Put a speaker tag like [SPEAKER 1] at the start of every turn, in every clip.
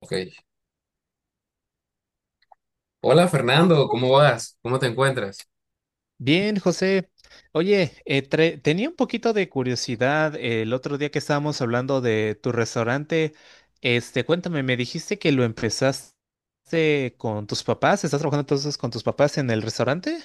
[SPEAKER 1] Ok. Hola Fernando, ¿cómo vas? ¿Cómo te encuentras?
[SPEAKER 2] Bien, José. Oye, tenía un poquito de curiosidad, el otro día que estábamos hablando de tu restaurante. Este, cuéntame, me dijiste que lo empezaste con tus papás. ¿Estás trabajando entonces con tus papás en el restaurante?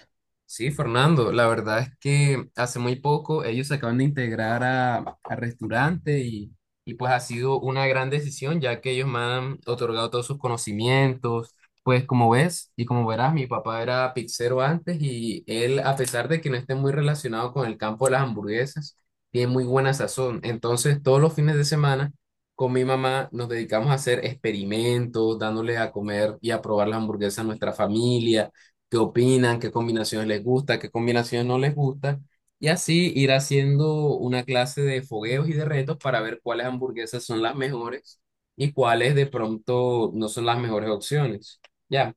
[SPEAKER 1] Sí, Fernando, la verdad es que hace muy poco ellos se acaban de integrar a restaurante y pues ha sido una gran decisión ya que ellos me han otorgado todos sus conocimientos. Pues como ves y como verás, mi papá era pizzero antes y él, a pesar de que no esté muy relacionado con el campo de las hamburguesas, tiene muy buena sazón. Entonces, todos los fines de semana con mi mamá nos dedicamos a hacer experimentos, dándole a comer y a probar las hamburguesas a nuestra familia qué opinan, qué combinaciones les gusta, qué combinaciones no les gusta, y así ir haciendo una clase de fogueos y de retos para ver cuáles hamburguesas son las mejores y cuáles de pronto no son las mejores opciones. Ya,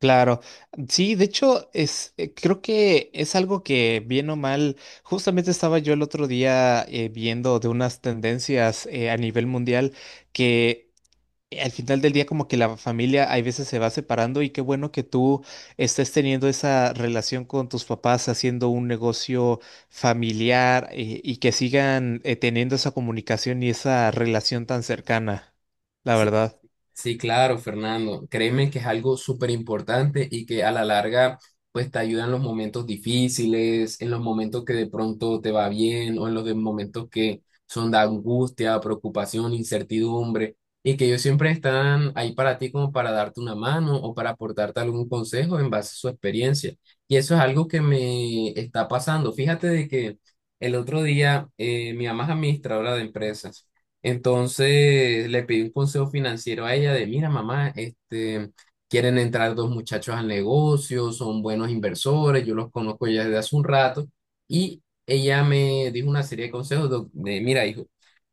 [SPEAKER 2] Claro, sí, de hecho, creo que es algo que, bien o mal, justamente estaba yo el otro día, viendo de unas tendencias, a nivel mundial que al final del día, como que la familia hay veces se va separando, y qué bueno que tú estés teniendo esa relación con tus papás, haciendo un negocio familiar, y que sigan, teniendo esa comunicación y esa relación tan cercana, la
[SPEAKER 1] si
[SPEAKER 2] verdad.
[SPEAKER 1] Sí, claro, Fernando. Créeme que es algo súper importante y que a la larga, pues te ayuda en los momentos difíciles, en los momentos que de pronto te va bien o en los de momentos que son de angustia, preocupación, incertidumbre y que ellos siempre están ahí para ti como para darte una mano o para aportarte algún consejo en base a su experiencia. Y eso es algo que me está pasando. Fíjate de que el otro día mi mamá es administradora de empresas. Entonces le pedí un consejo financiero a ella de, mira, mamá, este, quieren entrar dos muchachos al negocio, son buenos inversores, yo los conozco ya desde hace un rato. Y ella me dijo una serie de consejos de, mira, hijo,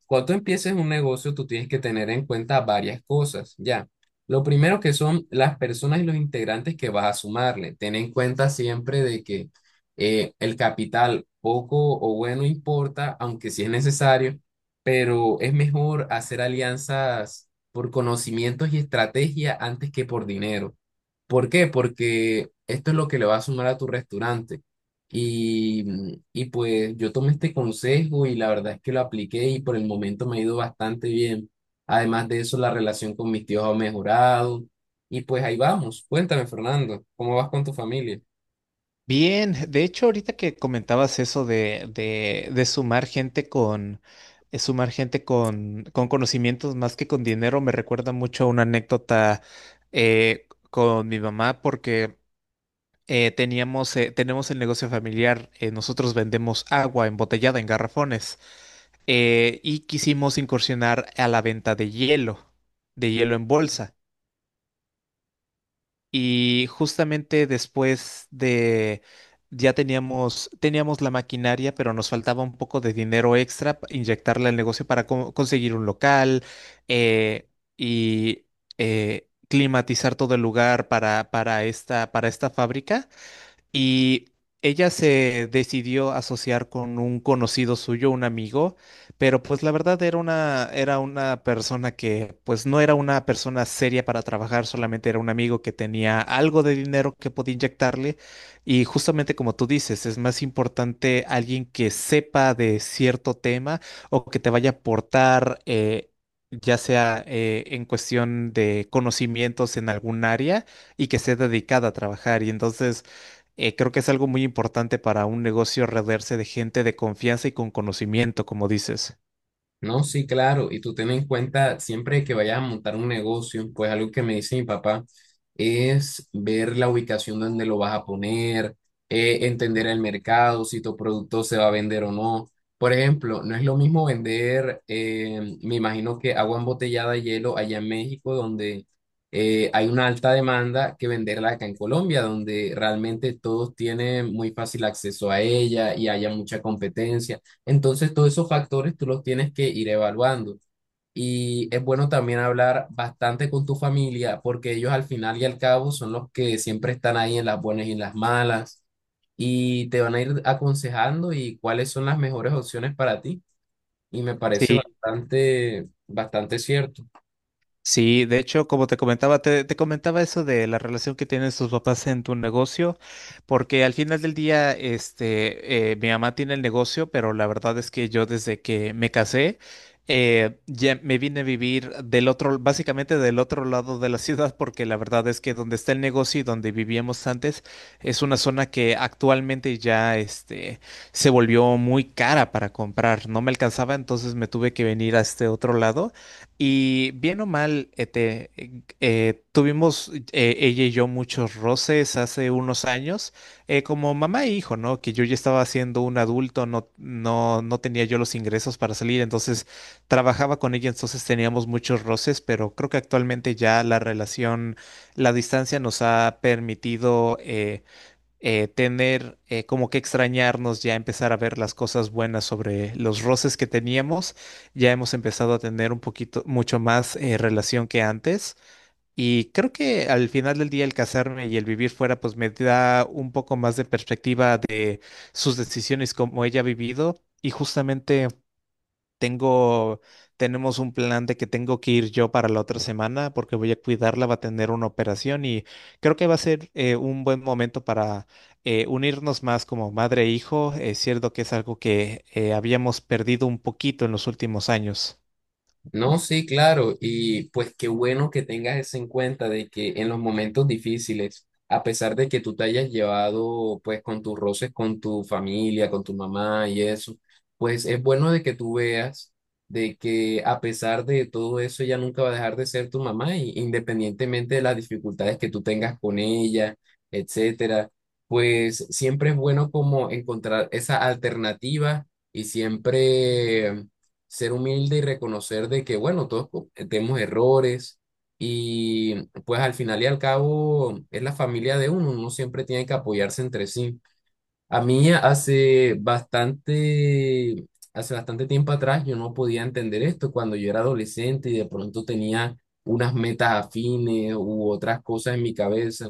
[SPEAKER 1] cuando tú empieces un negocio, tú tienes que tener en cuenta varias cosas, ya. Lo primero que son las personas y los integrantes que vas a sumarle. Ten en cuenta siempre de que el capital poco o bueno importa, aunque sí es necesario, pero es mejor hacer alianzas por conocimientos y estrategia antes que por dinero. ¿Por qué? Porque esto es lo que le va a sumar a tu restaurante. Y, y pues yo tomé este consejo y la verdad es que lo apliqué y por el momento me ha ido bastante bien. Además de eso, la relación con mis tíos ha mejorado. Y pues ahí vamos. Cuéntame, Fernando, ¿cómo vas con tu familia?
[SPEAKER 2] Bien, de hecho, ahorita que comentabas eso de sumar gente con... sumar gente con conocimientos más que con dinero, me recuerda mucho a una anécdota con mi mamá, porque tenemos el negocio familiar. Nosotros vendemos agua embotellada en garrafones, y quisimos incursionar a la venta de hielo en bolsa. Y justamente, ya teníamos la maquinaria, pero nos faltaba un poco de dinero extra inyectarle al negocio para conseguir un local, eh, y climatizar todo el lugar para para esta fábrica. Y ella se decidió asociar con un conocido suyo, un amigo, pero pues la verdad era una persona que, pues, no era una persona seria para trabajar, solamente era un amigo que tenía algo de dinero que podía inyectarle. Y justamente, como tú dices, es más importante alguien que sepa de cierto tema o que te vaya a aportar, ya sea, en cuestión de conocimientos en algún área, y que sea dedicada a trabajar. Y entonces, creo que es algo muy importante para un negocio rodearse de gente de confianza y con conocimiento, como dices.
[SPEAKER 1] No, sí, claro, y tú ten en cuenta, siempre que vayas a montar un negocio, pues algo que me dice mi papá es ver la ubicación donde lo vas a poner, entender el mercado, si tu producto se va a vender o no. Por ejemplo, no es lo mismo vender, me imagino que agua embotellada de hielo allá en México, donde hay una alta demanda, que venderla acá en Colombia, donde realmente todos tienen muy fácil acceso a ella y haya mucha competencia. Entonces, todos esos factores tú los tienes que ir evaluando. Y es bueno también hablar bastante con tu familia, porque ellos al final y al cabo son los que siempre están ahí en las buenas y en las malas, y te van a ir aconsejando y cuáles son las mejores opciones para ti. Y me parece
[SPEAKER 2] Sí,
[SPEAKER 1] bastante, bastante cierto.
[SPEAKER 2] sí, de hecho, como te comentaba, te comentaba eso de la relación que tienen sus papás en tu negocio, porque al final del día, este, mi mamá tiene el negocio, pero la verdad es que yo, desde que me casé, ya me vine a vivir del otro, básicamente del otro lado de la ciudad, porque la verdad es que donde está el negocio y donde vivíamos antes es una zona que actualmente ya, este, se volvió muy cara para comprar, no me alcanzaba, entonces me tuve que venir a este otro lado. Y bien o mal, este, tuvimos, ella y yo, muchos roces hace unos años, como mamá e hijo, ¿no? Que yo ya estaba siendo un adulto, no, no tenía yo los ingresos para salir, entonces trabajaba con ella, entonces teníamos muchos roces, pero creo que actualmente ya la relación, la distancia nos ha permitido, tener, como que extrañarnos, ya empezar a ver las cosas buenas sobre los roces que teníamos. Ya hemos empezado a tener un poquito, mucho más, relación que antes. Y creo que al final del día, el casarme y el vivir fuera, pues me da un poco más de perspectiva de sus decisiones, como ella ha vivido. Y justamente tengo, tenemos un plan de que tengo que ir yo para la otra semana, porque voy a cuidarla, va a tener una operación, y creo que va a ser, un buen momento para, unirnos más como madre e hijo. Es cierto que es algo que, habíamos perdido un poquito en los últimos años.
[SPEAKER 1] No, sí, claro, y pues qué bueno que tengas eso en cuenta de que en los momentos difíciles, a pesar de que tú te hayas llevado pues con tus roces con tu familia, con tu mamá y eso, pues es bueno de que tú veas de que a pesar de todo eso ella nunca va a dejar de ser tu mamá, y independientemente de las dificultades que tú tengas con ella, etcétera, pues siempre es bueno como encontrar esa alternativa y siempre ser humilde y reconocer de que, bueno, todos tenemos errores y pues al final y al cabo es la familia de uno, uno siempre tiene que apoyarse entre sí. A mí hace bastante tiempo atrás yo no podía entender esto cuando yo era adolescente y de pronto tenía unas metas afines u otras cosas en mi cabeza.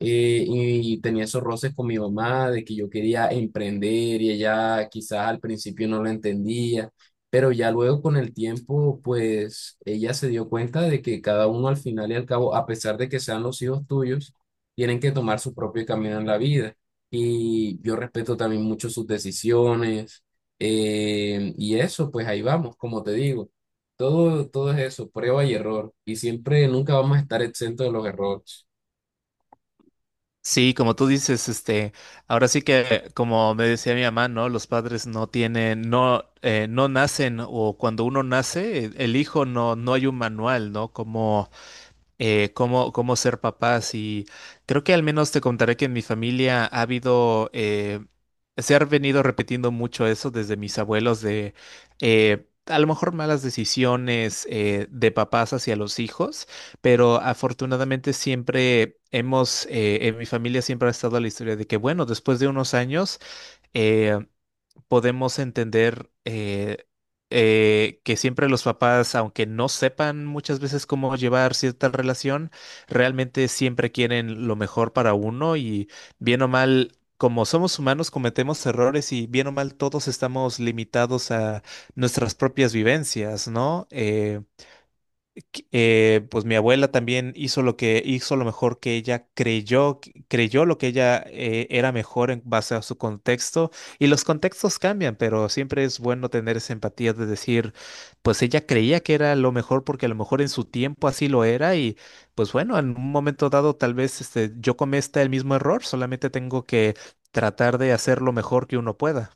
[SPEAKER 1] Y tenía esos roces con mi mamá de que yo quería emprender y ella quizás al principio no lo entendía, pero ya luego con el tiempo, pues ella se dio cuenta de que cada uno al final y al cabo, a pesar de que sean los hijos tuyos, tienen que tomar su propio camino en la vida y yo respeto también mucho sus decisiones. Y eso, pues ahí vamos, como te digo, todo, todo es eso, prueba y error. Y siempre, nunca vamos a estar exentos de los errores.
[SPEAKER 2] Sí, como tú dices, este, ahora sí que, como me decía mi mamá, ¿no? Los padres no tienen, no, no nacen, o cuando uno nace, el hijo, no, no hay un manual, ¿no? Como, cómo ser papás. Y creo que, al menos, te contaré que en mi familia ha habido, se ha venido repitiendo mucho eso desde mis abuelos, de, a lo mejor malas decisiones, de papás hacia los hijos, pero afortunadamente siempre hemos, en mi familia siempre ha estado la historia de que, bueno, después de unos años, eh, podemos entender, que siempre los papás, aunque no sepan muchas veces cómo llevar cierta relación, realmente siempre quieren lo mejor para uno, y, bien o mal, como somos humanos, cometemos errores. Y bien o mal, todos estamos limitados a nuestras propias vivencias, ¿no? Pues mi abuela también hizo lo mejor que ella creyó, creyó lo que ella, era mejor en base a su contexto, y los contextos cambian, pero siempre es bueno tener esa empatía de decir, pues ella creía que era lo mejor porque a lo mejor en su tiempo así lo era. Y pues bueno, en un momento dado tal vez, este, yo cometa el mismo error, solamente tengo que tratar de hacer lo mejor que uno pueda.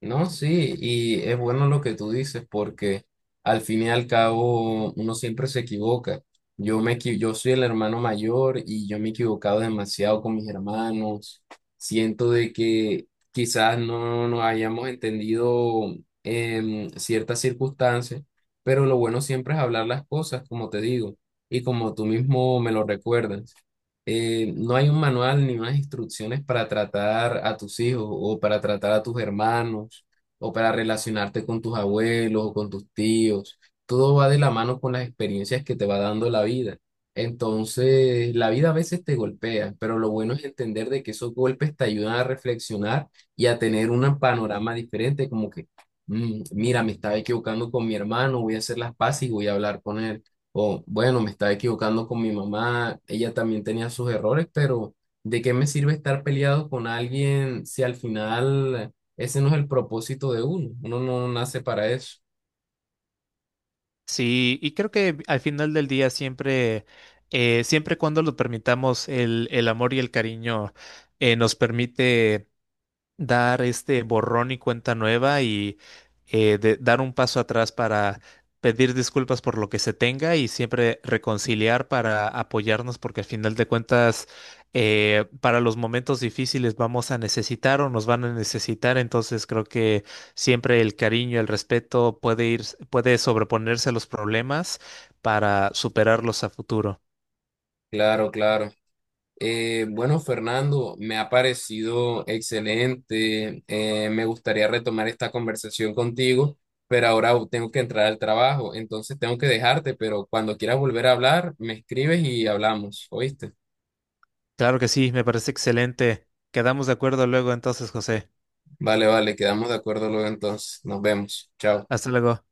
[SPEAKER 1] No, sí, y es bueno lo que tú dices porque al fin y al cabo uno siempre se equivoca. Yo me yo soy el hermano mayor y yo me he equivocado demasiado con mis hermanos. Siento de que quizás no nos hayamos entendido en ciertas circunstancias, pero lo bueno siempre es hablar las cosas, como te digo, y como tú mismo me lo recuerdas, no hay un manual ni unas instrucciones para tratar a tus hijos o para tratar a tus hermanos o para relacionarte con tus abuelos o con tus tíos. Todo va de la mano con las experiencias que te va dando la vida. Entonces, la vida a veces te golpea, pero lo bueno es entender de que esos golpes te ayudan a reflexionar y a tener un panorama diferente, como que, Mira, me estaba equivocando con mi hermano, voy a hacer las paces y voy a hablar con él, o bueno, me estaba equivocando con mi mamá, ella también tenía sus errores, pero ¿de qué me sirve estar peleado con alguien si al final ese no es el propósito de uno? Uno no nace para eso."
[SPEAKER 2] Sí, y creo que al final del día siempre, siempre cuando lo permitamos, el amor y el cariño, nos permite dar este borrón y cuenta nueva, y, dar un paso atrás para pedir disculpas por lo que se tenga, y siempre reconciliar para apoyarnos, porque al final de cuentas, para los momentos difíciles vamos a necesitar, o nos van a necesitar. Entonces creo que siempre el cariño, el respeto puede ir, puede sobreponerse a los problemas para superarlos a futuro.
[SPEAKER 1] Claro, claro. Bueno, Fernando, me ha parecido excelente. Me gustaría retomar esta conversación contigo, pero ahora tengo que entrar al trabajo, entonces tengo que dejarte, pero cuando quieras volver a hablar, me escribes y hablamos, ¿oíste?
[SPEAKER 2] Claro que sí, me parece excelente. Quedamos de acuerdo luego entonces, José.
[SPEAKER 1] Vale, vale, quedamos de acuerdo luego entonces. Nos vemos. Chao.
[SPEAKER 2] Hasta luego.